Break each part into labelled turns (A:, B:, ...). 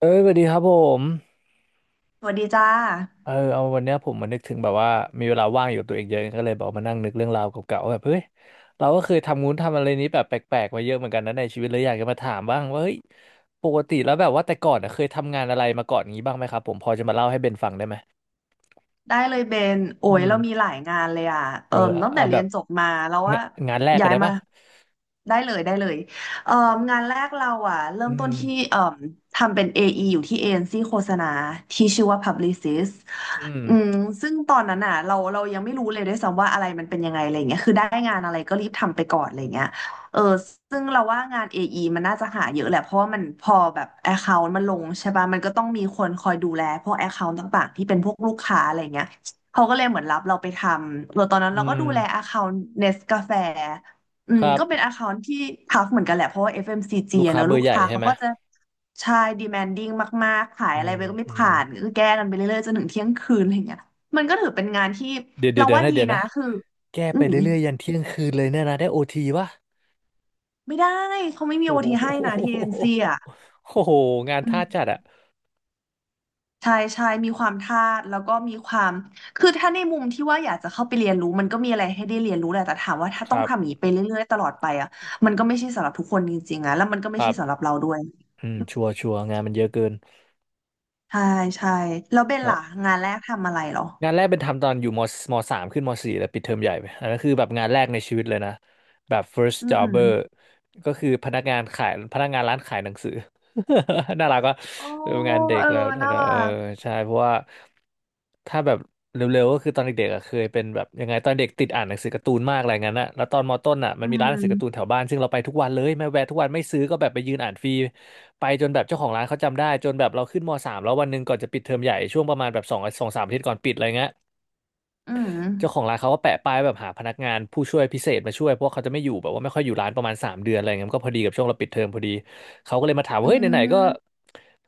A: เอ้ยสวัสดีครับผม
B: สวัสดีจ้า
A: เออเอาวันเนี้ยผมมานึกถึงแบบว่ามีเวลาว่างอยู่กับตัวเองเยอะก็เลยแบบมานั่งนึกเรื่องราวเก่าๆว่าแบบเฮ้ยเราก็เคยทำงู้นทำอะไรนี้แบบแปลกๆมาเยอะเหมือนกันนะในชีวิตเลยอยากจะมาถามบ้างว่าเฮ้ยปกติแล้วแบบว่าแต่ก่อนอะเคยทำงานอะไรมาก่อนงี้บ้างไหมครับผมพอจะมาเล่าให้เบนฟังได้ไหม
B: ได้เลยเบนโอ้
A: อื
B: ย
A: ม
B: เรามีหลายงานเลยอ่ะ
A: เออ
B: เอิ่มตั้งแต่
A: เอาแบ
B: เรีย
A: บ
B: นจบมาเราว่า
A: งะงานแรกกั
B: ย้า
A: น
B: ย
A: ได้
B: มา
A: ปะ
B: ได้เลยได้เลยเอิ่มงานแรกเราอ่ะเริ่
A: อื
B: มต้น
A: ม
B: ที่เอิ่มทำเป็น AE ออีอยู่ที่เอ็นซีโฆษณาที่ชื่อว่า Publicist
A: อืม
B: อืมซึ่งตอนนั้นอ่ะเรายังไม่รู้เลยด้วยซ้ำว่าอะไรมันเป็นยังไงอะไรอย่างเงี้ยคือได้งานอะไรก็รีบทำไปก่อนอะไรอย่างเงี้ย เออซึ่งเราว่างาน AE มันน่าจะหาเยอะแหละเพราะว่ามันพอแบบ Account มันลงใช่ป่ะมันก็ต้องมีคนคอยดูแลพวก Account ต่างๆที่เป็นพวกลูกค้าอะไรเงี้ยเขาก็เลยเหมือนรับเราไปทำเออตอนนั้น
A: อื
B: เราก็ดูแล
A: ม
B: Account Nest กาแฟอื
A: ค
B: ม
A: รับ
B: ก็เป็น Account ที่ทัฟเหมือนกันแหละเพราะว่า FMCG อ
A: ลู
B: ฟ
A: ก
B: เอ็มซีจีอะ
A: ค้า
B: เนอะ
A: เบอ
B: ลู
A: ร์
B: ก
A: ใหญ่
B: ค้า
A: ใช่
B: เขา
A: ไหม
B: ก็จะใช่ demanding มากๆขาย
A: อื
B: อะไร
A: ม
B: ไปก็ไม่
A: อืม
B: ผ่านก็แก้กันไปเรื่อยๆจนถึงเที่ยงคืนอะไรเงี้ยมันก็ถือเป็นงานที่
A: เดี๋ยวเดี๋ย
B: เรา
A: วเดี๋ยว
B: ว่า
A: นะ
B: ดี
A: เดี๋ยว
B: นะ
A: นะ
B: คือ
A: แก้
B: อื
A: ไป
B: ม
A: เรื่อยๆยันเที่ยงคืนเลยเนี่ยนะได้โอทีปะ
B: ไม่ได้เขาไม่มีโอ
A: โอ้โห
B: ทีให้นะที่เอ็นซีอ่ะ
A: โอ้โห งาน
B: อื
A: ท่า
B: ม
A: จัดอะ
B: ใช่ใช่มีความทาสแล้วก็มีความคือถ้าในมุมที่ว่าอยากจะเข้าไปเรียนรู้มันก็มีอะไรให้ได้เรียนรู้แหละแต่ถามว่าถ้า
A: ค
B: ต้อง
A: รั
B: ทำอย่าง
A: บ
B: นี้ไปเรื่อยๆตลอดไปอ่ะมันก็ไม่ใช่สำหรับทุกคนจริงๆอ่ะแล้วมันก็
A: ค
B: ไม่
A: รั
B: ใช่สำห
A: บ
B: รับเราด้วย
A: อืมชัวร์ชัวร์งานมันเยอะเกิน
B: ใช่ใช่แล้วเบ
A: ค
B: น
A: รั
B: ล่ะ
A: บ
B: งานแรกทำอะไรเหรอ
A: งานแรกเป็นทำตอนอยู่มสามขึ้นมสี่แล้วปิดเทอมใหญ่ไปอันนั้นคือแบบงานแรกในชีวิตเลยนะ แบบ first
B: อื
A: jobber
B: ม
A: ก็คือพนักงานขายพนักงานร้านขายหนังสือ น่ารักว่ะ
B: โอ้
A: เอองานเด็ก
B: เออ
A: แล้ว
B: น่า
A: แต่
B: รั
A: เออ
B: ก
A: ใช่เพราะว่าถ้าแบบเร็วๆก็คือตอนเด็กๆอ่ะเคยเป็นแบบยังไงตอนเด็กติดอ่านหนังสือการ์ตูนมากอะไรงั้นอะแล้วตอนมต้นอ่ะมั
B: อื
A: นมีร้านหนังสือการ์ตูน
B: ม
A: แถวบ้านซึ่งเราไปทุกวันเลยไม่แวะทุกวันไม่ซื้อก็แบบไปยืนอ่านฟรีไปจนแบบเจ้าของร้านเขาจำได้จนแบบเราขึ้นมสามแล้ววันหนึ่งก่อนจะปิดเทอมใหญ่ช่วงประมาณแบบสองสามอาทิตย์ก่อนปิดอะไรเงี้ย
B: อืม
A: เจ้าของร้านเขาก็แปะป้ายแบบหาพนักงานผู้ช่วยพิเศษมาช่วยเพราะว่าเขาจะไม่อยู่แบบว่าไม่ค่อยอยู่ร้านประมาณ3 เดือนอะไรเงี้ยมันก็พอดีกับช่วงเราปิดเทอมพอดีเขาก็เลยมาถามว่า
B: อื
A: เฮ้ยไหนๆก็
B: ม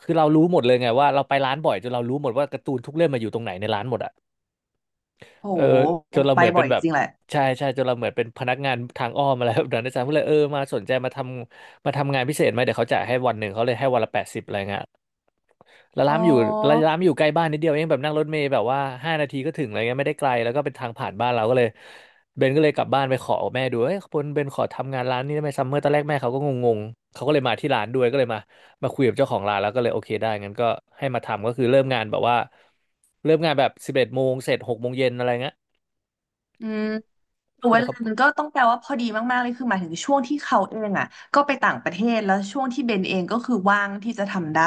A: คือเรารู้หมดเลยไงว่าเราไปร้านบ่อยจนเรารู้หมดว่าการ์ตูนทุกเล่มมาอยู่ตรงไหนในร้านหมดอ่ะ
B: โห
A: เออจนเรา
B: ไป
A: เหมือน
B: บ่
A: เป็
B: อ
A: น
B: ย
A: แบบ
B: จริงแหละ
A: ใช่ใช่จนเราเหมือนเป็นพนักงานทางอ้อมอะไรแบบนั้นอาจารย์ก็เลยเออมาสนใจมาทำงานพิเศษไหมเดี๋ยวเขาจ่ายให้วันหนึ่งเขาเลยให้วันละแปดสิบอะไรเงี้ย แล้ว
B: อ๋อ
A: ร้านมันอยู่ใกล้บ้านนิดเดียวเองแบบนั่งรถเมล์แบบว่า5 นาทีก็ถึงอะไรเงี้ยไม่ได้ไกลแล้วก็เป็นทางผ่านบ้านเราก็เลยเบนก็เลยกลับบ้านไปขอแม่ดูเอ้ยเบนขอทำงานร้านนี้ได้ไหมซัมเมอร์ตอนแรกแม่เขาก็งงๆเขาก็เลยมาที่ร้านด้วยก็เลยมาคุยกับเจ้าของร้านแล้วก็เลยโอเคได้งั้นก็ให้มาทำก็คือเริ่มงานแบบ11 โมงเสร็จ6 โมงเย็นอะไรเงี้ย
B: อืม
A: ใช่
B: เว
A: วยค
B: ลา
A: รับ
B: มันก็ต้องแปลว่าพอดีมากๆเลยคือหมายถึงช่วงที่เขาเองอ่ะก็ไปต่างประเทศแล้วช่วงที่เบนเองก็คือว่างที่จะทำได้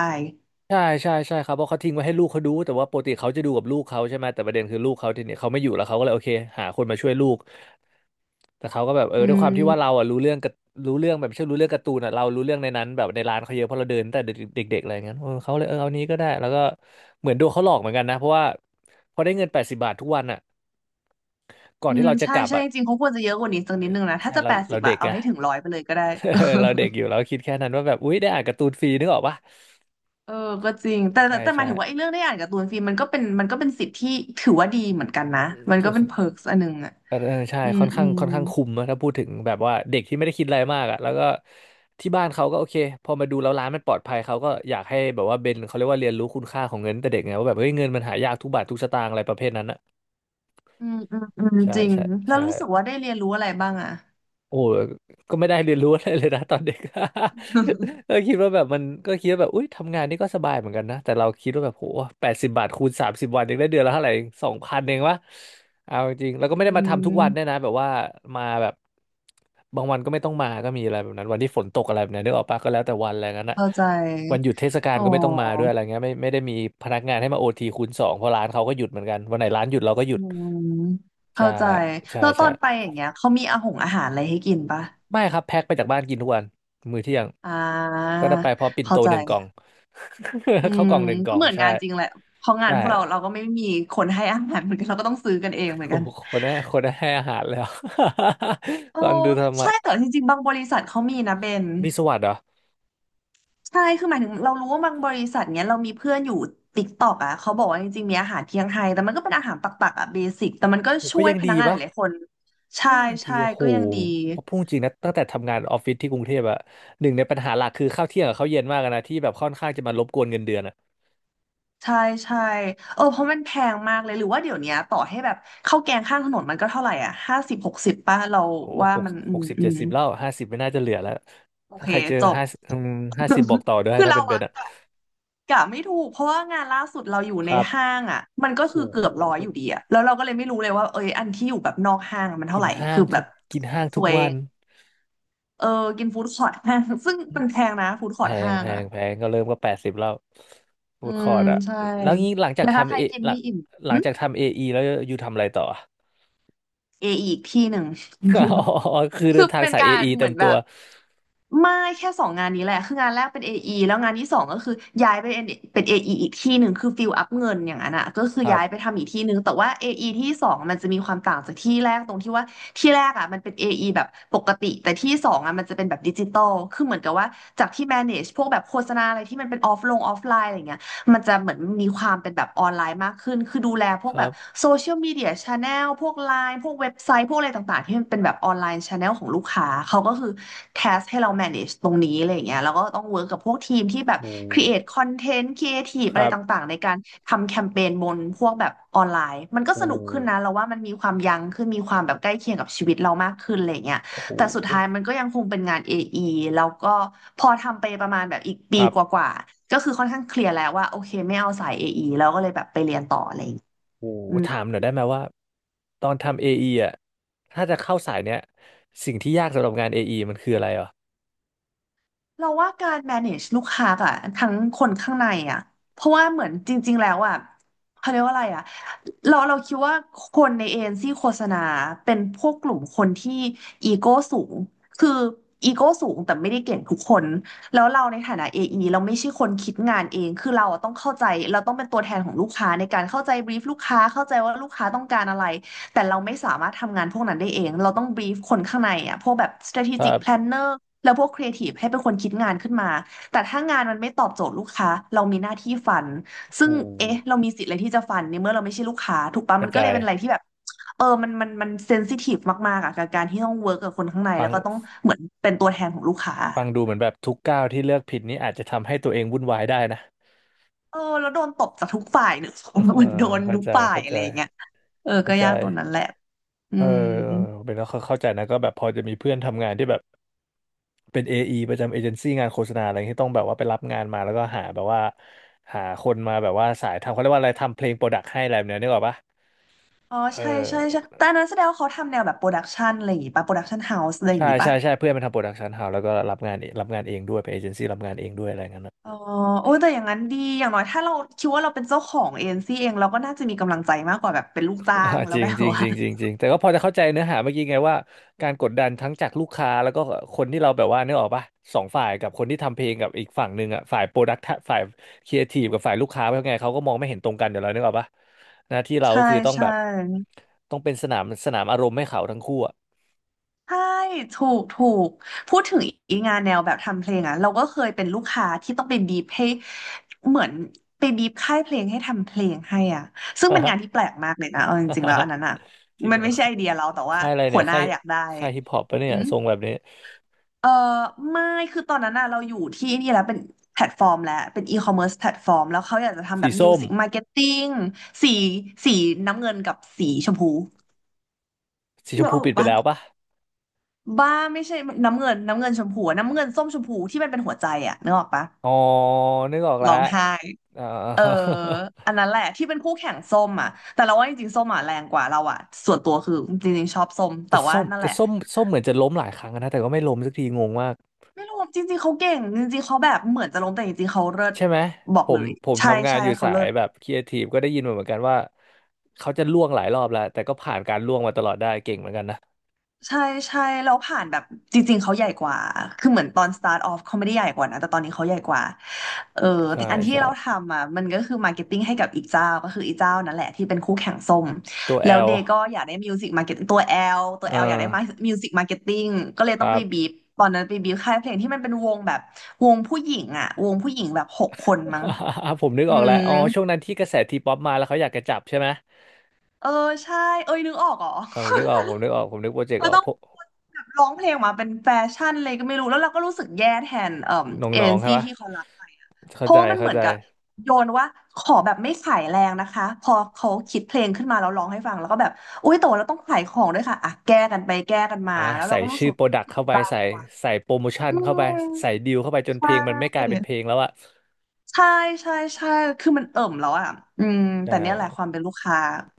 A: ใช่ใช่ใช่ครับเพราะเขาทิ้งไว้ให้ลูกเขาดูแต่ว่าปกติเขาจะดูกับลูกเขาใช่ไหมแต่ประเด็นคือลูกเขาทีเนี้ยเขาไม่อยู่แล้วเขาก็เลยโอเคหาคนมาช่วยลูก แต่เขาก็แบบเออ
B: อื
A: ด้วยความที่ว่าเรา
B: ม
A: อ่ะรู้เรื่องแบบไม่ใช่รู้เรื่องการ์ตูนอ่ะเรารู้เรื่องในนั้นแบบในร้านเขาเยอะเพราะเราเดินตั้งแต่เด็กๆอะไรอย่างเงี้ยเออเขาเลยเออเอานี้ก็ได้แล้วก็เหมือนโดนเขาหลอกเหมือนกันนะเพราะว่าพอได้เงิน80 บาททุกวันอ่ะก่อน
B: อื
A: ที่
B: ม
A: เราจะ
B: ใช่
A: กลับ
B: ใช่
A: อ่ะ
B: จริงๆเขาควรจะเยอะกว่านี้สักนิดนึงนะถ้า
A: ใช่
B: จะ
A: เรา
B: แปดสิ
A: เรา
B: บอะ
A: เด็ก
B: เอา
A: อ่ะ
B: ให้ถึงร้อยไปเลยก็ได้
A: เราเด็กอยู่เราก็คิดแค่นั้นว่าแบบอุ๊ยได้อ่านการ์ตูนฟรีนึกออกปะ
B: เออก็จริง
A: ใช
B: แต่
A: ่
B: แต่แต่หมา
A: ใช่
B: ยถึงว่าไอ้เรื่องได้อ่านการ์ตูนฟิมันก็เป็นสิทธิ์ที่ถือว่าดีเหมือนกันนะมัน
A: ถื
B: ก็
A: อ
B: เป็นเพิร์กอันหนึ่งอ่ะ
A: เออเออใช่
B: อืม
A: ค่อน
B: อื
A: ข้าง
B: ม
A: ค่อนข้างคุมนะถ้าพูดถึงแบบว่าเด็กที่ไม่ได้คิดอะไรมากอ่ะแล้วก็ที่บ้านเขาก็โอเคพอมาดูแล้วร้านมันปลอดภัยเขาก็อยากให้แบบว่าเบนเขาเรียกว่าเรียนรู้คุณค่าของเงินตั้งแต่เด็กไงว่าแบบเฮ้ยเงินมันหายากทุกบาททุกสตางค์อะไรประเภทนั้นอ่ะ
B: อืมอืมอืม
A: ใช่
B: จริง
A: ใช่
B: แล้ว
A: ใช่
B: รู้สึกว่าได้เรียนรู้อะไรบ้างอ่ะ
A: โอ้ก็ไม่ได้เรียนรู้อะไรเลยนะ ตอนเด็ก ก็คิดว่าแบบมันก็คิดว่าแบบอุ้ยทำงานนี่ก็สบายเหมือนกันนะแต่เราคิดว่าแบบโหแปดสิบบาทคูณสามสิบวันยังได้เดือนละเท่าไหร่สองพันเองวะเอาจริงๆแล้วก็
B: จริ
A: ไม่ได้มาทำทุกวันด้วย
B: ง
A: นะแบบว่ามาแบบบางวันก็ไม่ต้องมาก็มีอะไรแบบนั้นวันที่ฝนตกอะไรแบบนั้นนึกออกปะก็แล้วแต่วันอะไรงั้นอะ
B: เข้าใจ
A: วันหยุดเทศกาล
B: อ๋
A: ก็ไม่ต้องมาด้วย
B: อ
A: อะไรเงี้ยไม่ได้มีพนักงานให้มาโอทีคูณสองเพราะร้านเขาก็หยุดเหมือนกันวันไหนร้านหยุดเราก็หยุ
B: อื
A: ด
B: ม
A: ใช่
B: เข้าใจ
A: ใช่
B: แล้วต
A: ใช่
B: อนไปอย่างเงี้ยเขามีอาหารอะไรให้กินปะ
A: ไม่ครับแพ็คไปจากบ้านกินทุกวันมื้อเที่ยง
B: อ่า
A: ก็ได้ไปพร้อมปิ่น
B: เข้า
A: โต
B: ใจ
A: หนึ่งกล่อง
B: อื
A: ข้าว
B: ม
A: กล่องหนึ่งกล่
B: ก็
A: อง
B: เหมือน
A: ใช่
B: งานจริงแหละเพราะงานพ
A: ได้
B: วกเราเราก็ไม่มีคนให้อาหารเหมือนกันเราก็ต้องซื้อกันเองเหมือน
A: โอ้
B: กัน
A: โห คนได้ให้อาหารแล้ว
B: โอ้
A: ฟังดูธรรมะ
B: ใช่แต่จริงๆบางบริษัทเขามีนะเบน
A: มีสวัสดิ์เหรอ
B: ใช่คือหมายถึงเรารู้ว่าบางบริษัทเนี้ยเรามีเพื่อนอยู่ติ๊กตอกอ่ะเขาบอกว่าจริงๆมีอาหารเที่ยงไทยแต่มันก็เป็นอาหารปักๆอ่ะเบสิกแต่มันก็
A: โอ้
B: ช่
A: ก็
B: วย
A: ยัง
B: พนั
A: ดี
B: กงานห
A: ปะ
B: ลายๆคน
A: ก็
B: ใช่
A: ยังดี
B: ใช่
A: โอ้โห
B: ก็ยังดี
A: พอพูดจริงนะตั้งแต่ทำงานออฟฟิศที่กรุงเทพอะหนึ่งในปัญหาหลักคือข้าวเที่ยงกับข้าวเย็นมากอะนะที่แบบค่อนข้างจะมารบกวนเงินเดือนอะ
B: ใช่ใช่เออเพราะมันแพงมากเลยหรือว่าเดี๋ยวเนี้ยต่อให้แบบข้าวแกงข้างถนนมันก็เท่าไหร่อ่ะห้าสิบหกสิบป่ะเรา
A: โห
B: ว่า
A: หก
B: มันอื
A: หก
B: ม
A: สิบ
B: อื
A: เจ็ด
B: ม
A: สิบแล้วห้าสิบไม่น่าจะเหลือแล้ว
B: โอ
A: ถ้า
B: เค
A: ใครเจอ
B: จบ
A: ห้าสิบบอกต่อด้ว ย
B: คือ
A: ถ้า
B: เรา
A: เป็น
B: อะ
A: อะ
B: กะไม่ถูกเพราะว่างานล่าสุดเราอยู่
A: ค
B: ใน
A: รับ
B: ห้างอะมันก็
A: โห
B: คือเกือบร้อยอยู่ดีอะแล้วเราก็เลยไม่รู้เลยว่าเอยอันที่อยู่แบบนอกห้างอะมันเท่า
A: กิน
B: ไหร่
A: ห้า
B: คื
A: ง
B: อแบ
A: ทุก
B: บ
A: กินห้าง
B: ส
A: ทุก
B: วย
A: วัน
B: เออกินฟู้ดคอร์ทห้าง ซึ่งเป็นแพงนะฟู้ดค
A: แพ
B: อร์ท
A: ง
B: ห้าง
A: แพ
B: อะ
A: งแพงก็เริ่มก็แปดสิบแล้ว
B: อื
A: ฟู้ดคอ
B: ม
A: ร์ทอะ
B: ใช่
A: แล้วงี้
B: แล้วถ้าใครกินไม่อิ่ม
A: หลั
B: อื
A: ง
B: ม
A: จากทำเอไอแล้วอยู่ทำอะไรต่อ
B: เออีกที่หนึ่ง
A: อ๋ อคือ เดิ
B: คือ
A: นทาง
B: เป็น
A: สาย
B: กา
A: เอ
B: ร
A: ไอ
B: เห
A: เต็
B: มื
A: ม
B: อนแบ
A: ตัว
B: บไม่แค่สองงานนี้แหละคืองานแรกเป็น AE แล้วงานที่สองก็คือย้ายไปเป็น AE ออีอีกที่หนึ่งคือฟิลอัพเงินอย่างนั้นอ่ะก็คื
A: ค
B: อ
A: รั
B: ย้ายไป
A: บ
B: ทำอีกที่หนึ่งแต่ว่า AE ที่สองมันจะมีความต่างจากที่แรกตรงที่ว่าที่แรกอ่ะมันเป็น AE แบบปกติแต่ที่สองอ่ะมันจะเป็นแบบดิจิตอลคือเหมือนกับว่าจากที่ manage พวกแบบโฆษณาอะไรที่มันเป็นออฟไลน์อะไรอย่างเงี้ย มันจะเหมือนมีความเป็นแบบออนไลน์มากขึ้น คือดูแลพ
A: ค
B: วก
A: รั
B: แบบ
A: บ
B: โซเชียลมีเดียชาแนลพวกไลน์พวกเว็บไซต์พวกอะไรต่างๆที่มันเป็นแบบออนไลน์ชาแนลของลูกค้าเขาก็คือแ s สให้เรา manage ตรงนี้อะไรอย่างเงี้ยแล้วก็ต้องเวิร์กกับพวกทีมที่แบบ
A: โอ้
B: create content creative
A: ค
B: อะไร
A: รับ
B: ต่างๆในการทำแคมเปญบนพวกแบบออนไลน์มันก็
A: โอื
B: สนุก
A: ม
B: ขึ้นนะเราว่ามันมีความยั้งขึ้นมีความแบบใกล้เคียงกับชีวิตเรามากขึ้นอะไรอย่างเงี้ย
A: โอ้โห
B: แต่สุดท้ายมันก็ยังคงเป็นงาน AE แล้วก็พอทำไปประมาณแบบอีก
A: ค
B: ปี
A: รับ
B: กว่าๆก็คือค่อนข้างเคลียร์แล้วว่าโอเคไม่เอาสาย AE แล้วก็เลยแบบไปเรียนต่ออะไรอย่างเงี้ย
A: โอ้
B: อืม
A: ถามหน่อยได้ไหมว่าตอนทำเอไออะถ้าจะเข้าสายเนี้ยสิ่งที่ยากสำหรับงานเอไอมันคืออะไรอ่ะ
B: เราว่าการ manage ลูกค้าอะทั้งคนข้างในอะเพราะว่าเหมือนจริงๆ แล้วอะเขาเรียกว่าอะไรอะเราคิดว่าคนในเอเจนซี่โฆษณาเป็นพวกกลุ่มคนที่อีโก้สูง คืออีโก้สูงแต่ไม่ได้เก่งทุกคนแล้วเราในฐานะ AE เราไม่ใช่คนคิดงานเอง คือเราอะต้องเข้าใจเราต้องเป็นตัวแทนของลูกค้าในการเข้าใจ brief ลูกค้าเข้าใจว่าลูกค้าต้องการอะไรแต่เราไม่สามารถทำงานพวกนั้นได้เองเราต้อง brief คนข้างในอะพวกแบบ
A: ครั
B: strategic
A: บ
B: planner แล้วพวกครีเอทีฟให้เป็นคนคิดงานขึ้นมา แต่ถ้างานมันไม่ตอบโจทย์ลูกค้า เรามีหน้าที่ฟัน ซึ่
A: โอื
B: ง
A: ม
B: เอ๊ะเรามีสิทธิ์อะไรที่จะฟันในเมื่อเราไม่ใช่ลูกค้าถูกปะ
A: ก
B: มั
A: ระ
B: นก็เล
A: จา
B: ย
A: ย
B: เป็นอะไรที่แบบเออ มันเซนซิทีฟมากๆอะกับการที่ต้องเวิร์กกับคนข้างใน
A: ฟั
B: แล้ว
A: ง
B: ก็ต้องเหมือนเป็นตัวแทนของลูกค้า
A: ฟังดูเหมือนแบบทุกก้าวที่เลือกผิดนี้อาจจะทำให้ตัวเองวุ่นวายได้นะ
B: เออ แล้วโดนตบจากทุกฝ่ายเนอะ เห
A: เออ
B: มือนโดน
A: เข้า
B: ทุก
A: ใจ
B: ฝ่าย
A: เข้า
B: อะ
A: ใจ
B: ไรอย่างเงี้ยเออ
A: เข้า
B: ก็
A: ใจ
B: ยากตรงนั้นแหละอื
A: เออ
B: ม
A: เป็นแล้วเข้าใจนะก็แบบพอจะมีเพื่อนทำงานที่แบบเป็น AE ประจำเอเจนซี่งานโฆษณาอะไรที่ต้องแบบว่าไปรับงานมาแล้วก็หาแบบว่าหาคนมาแบบว่าสายทำเขาเรียกว่าอะไรทำเพลงโปรดักต์ให้อะไรแบบเนี้ยนึกออกปะ
B: อ๋อ
A: เออ
B: ใช่ใช่ใช่แต่อันนั้นแสดงว่าเขาทำแนวแบบโปรดักชันอะไรอย่างงี้ป่ะโปรดักชันเฮาส์อะไรอย่า
A: ใช่
B: งงี้
A: ใช่
B: ป่ะ
A: ใช่เพื่อนมันทำโปรดักชันเฮาแล้วก็รับงานเองด้วยเป็นเอเจนซี่รับงานเองด้วยอะไรเงี้ย
B: อ๋อโอ้ยแต่อย่างนั้นดีอย่างน้อยถ้าเราคิดว่าเราเป็นเจ้าของเอเจนซี่เองเราก็น่าจะมีกำลังใจมากกว่าแบบเป็นลูกจ้า
A: อ่า
B: งแล้
A: จ
B: ว
A: ริง
B: แบบ
A: จริงจ
B: ว่า
A: ริงจริงจริงแต่ก็พอจะเข้าใจเนื้อหาเมื่อกี้ไงว่าการกดดันทั้งจากลูกค้าแล้วก็คนที่เราแบบว่านึกออกปะสองฝ่ายกับคนที่ทำเพลงกับอีกฝั่งหนึ่งอ่ะฝ่ายโปรดักต์ฝ่ายครีเอทีฟกับฝ่ายลูกค้าเป็นไงเขาก็มองไม่เห็นตรงกันอยู่แล้วนึกออกปะหน้าที่ เราก็
B: ใช่
A: คือต้องแบ
B: ใช่
A: บต้องเป็นสนามอารมณ์ให้เขาทั้งคู่อ่ะ
B: ใช่ถูกถูกพูดถึงอีกงานแนวแบบทำเพลงอ่ะเราก็เคยเป็นลูกค้าที่ต้องไปบีบให้เหมือนไปบีบค่ายเพลงให้ทำเพลงให้อ่ะซึ่งเป็นงานที่แป ลกมากเลยนะเอาจริงๆแล้วอันนั้นอ่ะ
A: จริง
B: มัน
A: เหรอ
B: ไม่ใช่ไอเดียเราแต่ว่า
A: ค่ายอะไร
B: หั
A: เนี่ย
B: วหน้า
A: ค่าย
B: อยากได้
A: ค่ายฮิปฮอปปะเนี่ยทรงแบบนี้
B: เออไม่คือตอนนั้นน่ะเราอยู่ที่นี่แล้วเป็นแพลตฟอร์มแล้วเป็นอีคอมเมิร์ซแพลตฟอร์มแล้วเขาอยากจะทำแบ
A: สี
B: บมิว
A: ส้ม
B: สิกมาร์เก็ตติ้งสีสีน้ำเงินกับสีชมพู
A: สีช
B: นึ
A: ม
B: ก
A: พู
B: ออก
A: ปิดไป
B: ปะ
A: แล้วปะ
B: บ้าไม่ใช่น้ำเงินชมพูอะน้ำเงินส้มชมพูที่มันเป็นหัวใจอะนึกออกปะ
A: อ๋อนึกออกแล้
B: ร้
A: ว
B: องไห้
A: อ่า
B: เอออันนั้นแหละที่เป็นคู่แข่งส้มอ่ะแต่เราว่าจริงๆส้มอ่ะแรงกว่าเราอ่ะส่วนตัวคือจริงๆชอบส้มแต่
A: แต่
B: ว่า
A: ส้ม
B: นั่นแห
A: แต่
B: ละ
A: ส้มส้มเหมือนจะล้มหลายครั้งนะแต่ก็ไม่ล้มสักทีงงมาก
B: ไม่รู้จริงๆเขาเก่งจริงๆเขาแบบเหมือนจะล้มแต่จริงๆเขาเลิศ
A: ใช่ไหม
B: บอก
A: ผ
B: เล
A: ม
B: ย
A: ผม
B: ใช่
A: ทำงาน
B: ใช่
A: อยู่
B: เขา
A: สา
B: เลิ
A: ย
B: ศ
A: แบบครีเอทีฟก็ได้ยินมาเหมือนกันว่าเขาจะล่วงหลายรอบแล้วแต่ก็ผ่านการล่วงมาตลอดได้เก่งเหมือนกันนะ
B: ใช่ใช่แล้วผ่านแบบจริงๆเขาใหญ่กว่าคือเหมือนตอน start off เขาไม่ได้ใหญ่กว่านะแต่ตอนนี้เขาใหญ่กว่าเออ
A: ใช่
B: แต่อันที่
A: ใช่
B: เราทำอ่ะมันก็คือ marketing ให้กับอีกเจ้าก็คืออีกเจ้านั่นแหละที่เป็นคู่แข่งส้ม
A: ตัวแอ
B: แล้ว
A: ล
B: เดย์ก็อยากได้ music marketing ตัว L ตัว
A: อ่
B: L อยากได้
A: า
B: music marketing ก็เลย
A: ค
B: ต้อ
A: รั
B: งไป
A: บ
B: บีบตอนนั้นไปบีบค่ายเพลงที่มันเป็นวงแบบวงผู้หญิงอ่ะวงผู้หญิงแบบ6 คนมั้ง
A: ผมนึก
B: อื
A: ออกแล้ว
B: ม
A: อ๋อช่วงนั้นที่กระแสทีป๊อปมาแล้วเขาอยากจะจับใช่ไหม
B: เออใช่เอ้ยนึกออกเหรอ
A: เออผมนึกออกผมนึกออกผมนึกโปรเจกต์
B: เรา
A: ออก
B: ต้อง
A: พวก
B: แบบร้องเพลงออกมาเป็นแฟชั่นเลยก็ไม่รู้แล้วเราก็รู้สึกแย่แทน
A: น
B: เอ
A: ้อ
B: เจ
A: ง
B: น
A: ๆใช่
B: ซี่
A: ปะ
B: ที่เขารับไปอะเพ
A: เข้าใจ
B: ราะว่ามันเห
A: เข้า
B: มือน
A: ใจ
B: กับโยนว่าขอแบบไม่ขายแรงนะคะพอเขาคิดเพลงขึ้นมาแล้วร้องให้ฟังแล้วก็แบบอุ้ยแต่ว่าเราต้องขายของด้วยค่ะอ่ะแก้กันไปแก้กันมา
A: อ่ะ
B: แล้วเรา
A: ใส่
B: ก็รู้สึ
A: ชื่อ
B: ก
A: โปร
B: ว่า
A: ดักต์เข้าไปใส่โปรโมชั่น
B: อื
A: เข้าไปใส่
B: ม
A: ดีลเข้าไปจน
B: ใช
A: เพลงมัน
B: ่
A: ไม่กลายเป็นเพลงแล้วอะ
B: ใช่ใช่ใช่คือมันเอิ่มแล้วอ่ะอืม
A: ใช่
B: แต่เนี่ยแหละความเป็นลูกค้า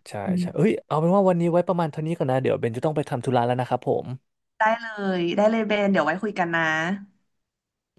A: ใช่
B: อืม
A: ใช่เอ้ยเอาเป็นว่าวันนี้ไว้ประมาณเท่านี้ก่อนนะเดี๋ยวเบนจะต้องไปทำธุระแล้วนะครับผม
B: ได้เลยได้เลยเบนเดี๋ยวไว้คุยกันนะ